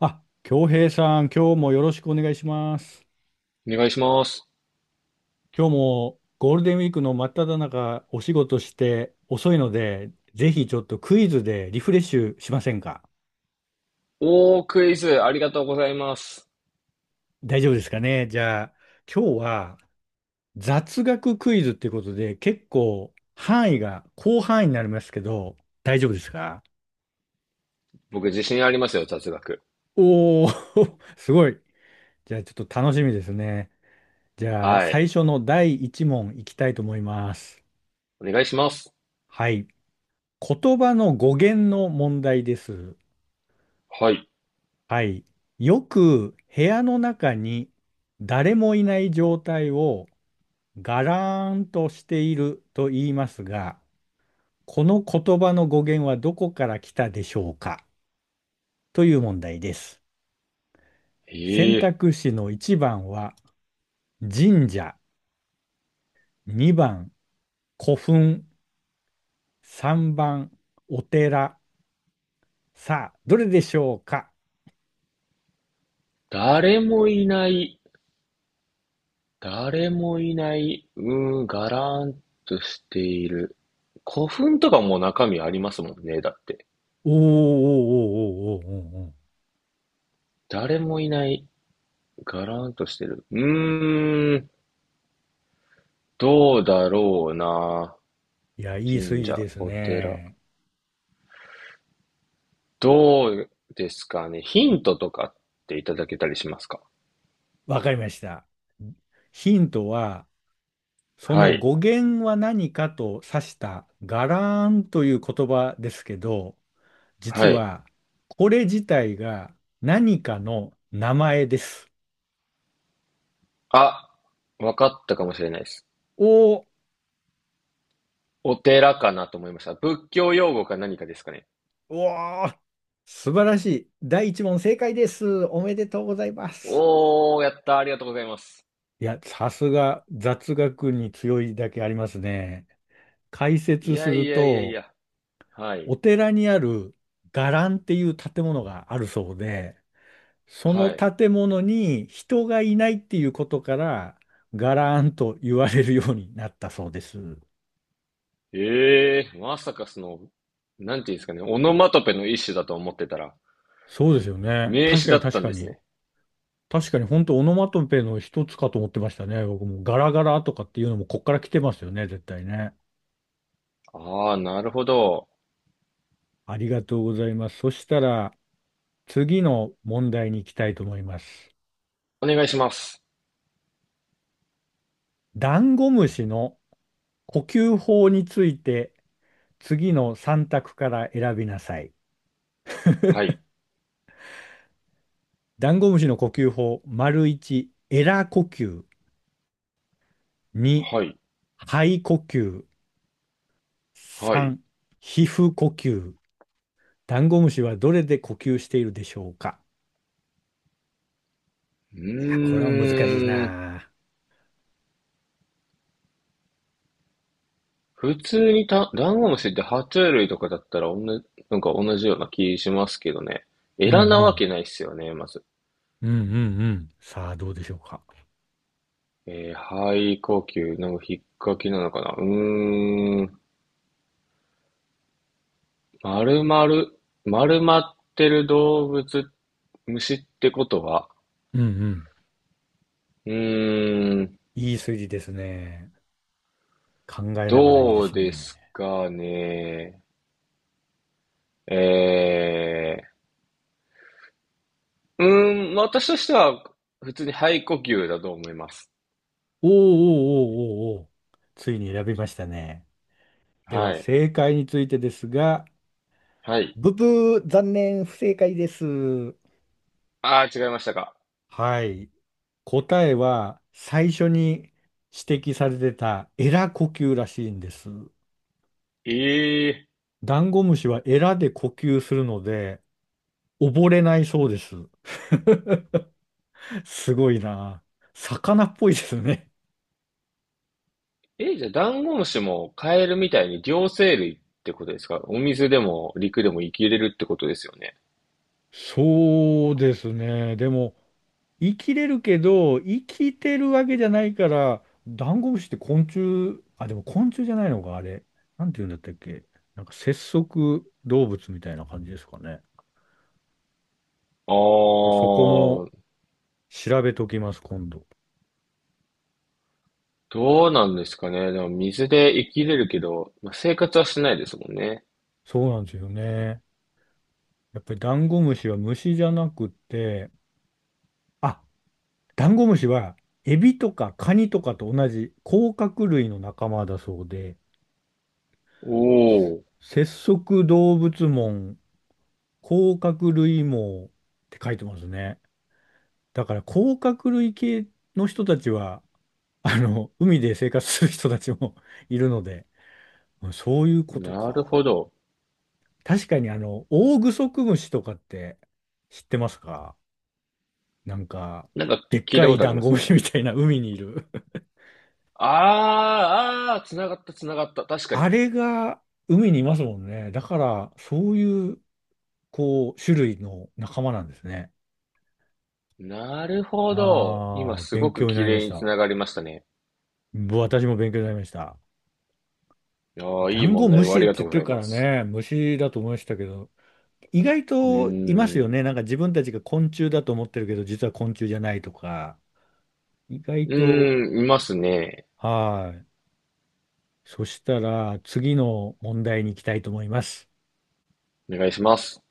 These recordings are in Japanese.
あ、京平さん、今日もよろしくお願いします。お願いします。今日もゴールデンウィークの真っ只中、お仕事して遅いので、ぜひちょっとクイズでリフレッシュしませんか？クイズ、ありがとうございます。大丈夫ですかね。じゃあ、今日は雑学クイズってことで、結構範囲が広範囲になりますけど、大丈夫ですか？僕、自信ありますよ、雑学。おー、すごい。じゃあ、ちょっと楽しみですね。じゃあ、はい。最初の第一問いきたいと思います。お願いします。はい。言葉の語源の問題です。はい。はい。よく部屋の中に誰もいない状態をガラーンとしていると言いますが、この言葉の語源はどこから来たでしょうかという問題です。え選えー択肢の1番は神社、2番古墳、3番お寺。さあ、どれでしょうか？誰もいない、ガラーンとしている。古墳とかも中身ありますもんね、だって。おーおーおーおーおーおーおー。誰もいない、ガラーンとしてる。どうだろうな。いや、いい数神字社、ですお寺。ね。どうですかね。ヒントとかっていただけたりしますか？わかりました。ヒントは、そはのい。語源は何かと指したガラーンという言葉ですけど、実はい。はこれ自体が何かの名前です。あ、わかったかもしれないです。おー、お寺かなと思いました。仏教用語か何かですかね。うわー、素晴らしい。第一問正解です。おめでとうございます。やった。ありがとうございます。いや、さすが雑学に強いだけありますね。解い説すやいるやいやいと、や。はい。お寺にある伽藍っていう建物があるそうで、そはのい。建物に人がいないっていうことから、伽藍と言われるようになったそうです。ええー、まさかなんていうんですかね、オノマトペの一種だと思ってたら、そうですよね。名確詞かだにっ確たんかですに。ね。確かに本当オノマトペの一つかと思ってましたね。僕もガラガラとかっていうのもこっから来てますよね、絶対ね。あー、なるほど。ありがとうございます。そしたら次の問題に行きたいと思います。お願いします。ダンゴムシの呼吸法について次の3択から選びなさい。はい。ダンゴムシの呼吸法、丸1、エラ呼吸、2、はい。肺呼吸、はい。う3、皮膚呼吸。ダンゴムシはどれで呼吸しているでしょうか？いや、これは難しいーん。な。普通にダンゴムシって爬虫類とかだったら、おんな、なんか同じような気しますけどね。うエんラうなわん。けないっすよね、まず。うんうんうん。さあ、どうでしょうか。えー、肺呼吸、なんか引っかきなのかな。うーん。丸々、丸まってる動物、虫ってことは、うんうん。うーん、いい数字ですね。考えながらいいでどすうでね。すかね。え私としては、普通に肺呼吸だと思います。おーおーおーおーおー。ついに選びましたね。ではは、い。正解についてですが、はい。ブブー、残念、不正解です。あー違いましたか。はい。答えは最初に指摘されてたエラ呼吸らしいんです。えダンゴムシはエラで呼吸するので溺れないそうです。すごいな。魚っぽいですね。ええ、じゃあ、ダンゴムシもカエルみたいに両生類ってことですか？お水でも陸でも生きれるってことですよね。そうですね。でも、生きれるけど、生きてるわけじゃないから、ダンゴムシって昆虫、あ、でも昆虫じゃないのか、あれ。なんて言うんだったっけ。なんか節足動物みたいな感じですかね。あちょっとそこもー、調べときます、今度。どうなんですかね。でも水で生きれるけど、まあ、生活はしないですもんね。そうなんですよね。やっぱりダンゴムシは虫じゃなくて、あ、ダンゴムシはエビとかカニとかと同じ甲殻類の仲間だそうで、おー、節足動物門甲殻類網って書いてますね。だから甲殻類系の人たちは、海で生活する人たちも いるので、そういうことなるか。ほど。確かにオオグソクムシとかって知ってますか？なんか、なんかでっ聞いかたいことあダりンまゴすムシね。みたいな海にいる。あー、あー、つながったつながった。確 かあに。れが海にいますもんね。だから、そういう、こう、種類の仲間なんですね。なるほど。今ああ、すご勉く強にな綺りまし麗につた。ながりましたね。私も勉強になりました。あー、ダいいンゴ問題ムをあシっりてがと言うっごてざるいかまらす。ね、虫だと思いましたけど、意外うといますーよん。ね。なんか自分たちが昆虫だと思ってるけど、実は昆虫じゃないとか、意う外と、ーん、いますね。はい。そしたら、次の問題に行きたいと思います。お願いします。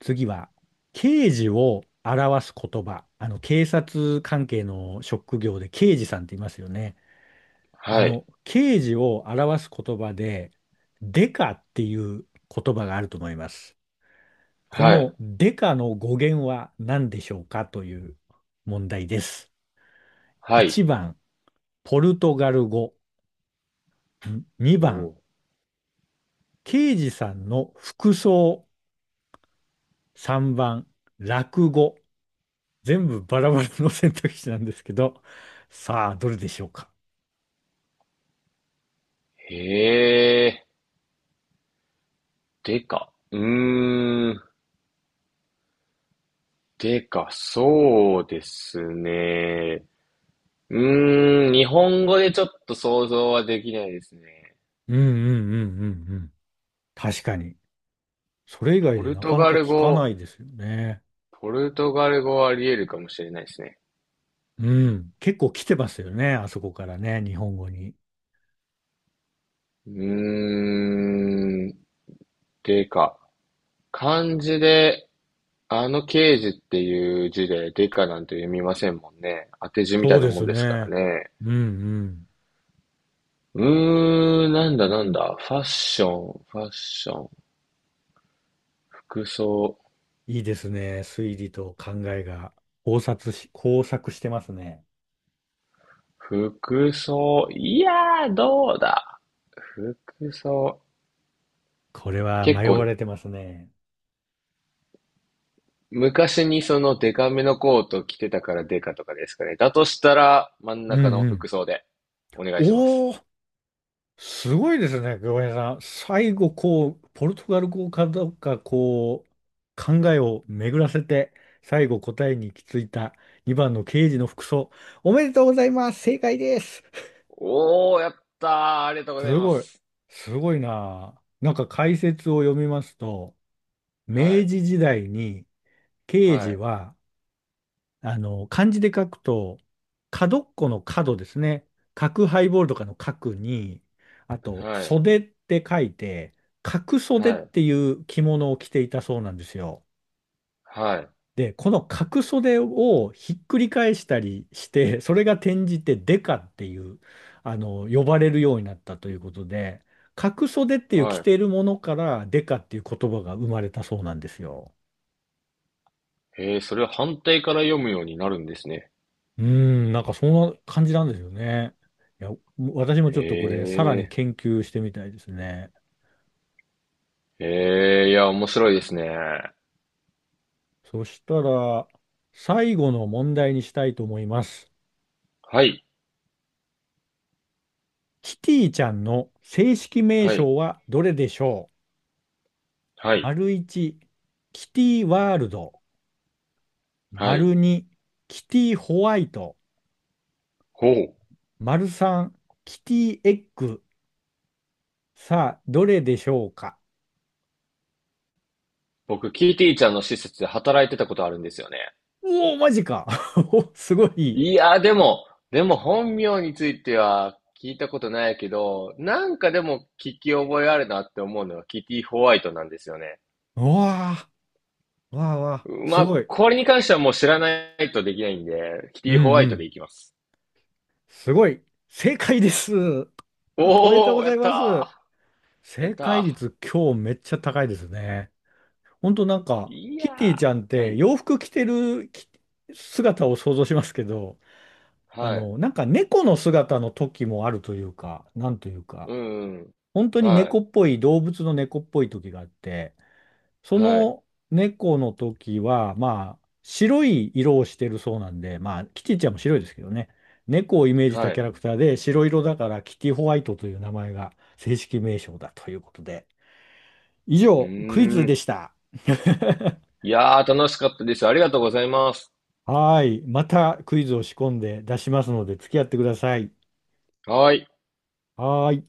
次は、刑事を表す言葉。警察関係の職業で刑事さんって言いますよね。はい。刑事を表す言葉で、デカっていう言葉があると思います。こはい。のデカの語源は何でしょうかという問題です。はい。1番、ポルトガル語。2番、おー。刑事さんの服装。3番、落語。全部バラバラの選択肢なんですけど、さあ、どれでしょうか。へえ。でか。うーん。でかそうですね。うーん。日本語でちょっと想像はできないですね。うんうんうんうんうん。確かに。それ以外ポでルなトかなガかル聞かな語。いですよね。ポルトガル語はあり得るかもしれないですね。うん。結構来てますよね。あそこからね、日本語に。うーん。でか漢字で刑事っていう字でデカなんて読みませんもんね。当て字みたそいうなでもんすですからね。ね。うんうん。うなんだなんだ。ファッション、ファッション、服装、いいですね。推理と考えが交錯してますね。服装、どうだ。服装。これは結迷わ構、れてますね。昔にそのデカめのコート着てたからデカとかですかね。だとしたら、真んう中んのうん。服装で、お願いします。おー、すごいですね、久保さん。最後、こう、ポルトガル語かどうか、こう、考えを巡らせて、最後答えに行き着いた2番の刑事の服装。おめでとうございます。正解です。おー、やったー。ありがとうごすざいまごい。す。すごいなあ。なんか解説を読みますと、は明い、治時代に刑は事い、は漢字で書くと、角っこの角ですね。角ハイボールとかの角に、あと、はい、袖って書いて、角袖はっい、ていう着物を着ていたそうなんですよ。はい。で、この角袖をひっくり返したりして、それが転じてデカっていう、呼ばれるようになったということで、角袖っていう着はているものからデカっていう言葉が生まれたそうなんですよ。い。へえ、それは反対から読むようになるんですね。うーん、なんかそんな感じなんですよね。いや、私もへちょっとこれ、さらにえ、研究してみたいですね。へえ、いや、面白いですね。そしたら、最後の問題にしたいと思います。はい、キティちゃんの正式名はい、称はどれでしょはう？い、丸1、キティワールド。はい。丸2、キティホワイト。ほう。丸3、キティエッグ。さあ、どれでしょうか？僕、キーティーちゃんの施設で働いてたことあるんですよね。おおー、マジか？ おすごい。いや、でも、でも本名については聞いたことないけど、なんかでも聞き覚えあるなって思うのはキティ・ホワイトなんですよね。うわあ、わあわあ、ますごあ、い。これに関してはもう知らないとできないんで、キテうんィ・ホワうイトでん。いきます。すごい。正解です。おめでとうごおー、やざいっまたす。ー。やっ正た解ー。率今日めっちゃ高いですね。ほんとなんか、いやキティちゃんっー。はてい。洋服着てるき姿を想像しますけど、はい。なんか猫の姿の時もあるというか、なんというか、うん、うん。本当には猫い。っぽい、動物の猫っぽい時があって、そはい。の猫の時は、まあ、白い色をしてるそうなんで、まあ、キティちゃんも白いですけどね。猫をイメージしはたキい。ャラクターで、白色だからキティホワイトという名前が正式名称だということで。以うー上、クイズでん。した。いやー、楽しかったです。ありがとうございます。はーい。またクイズを仕込んで出しますので、付き合ってください。はい。はーい。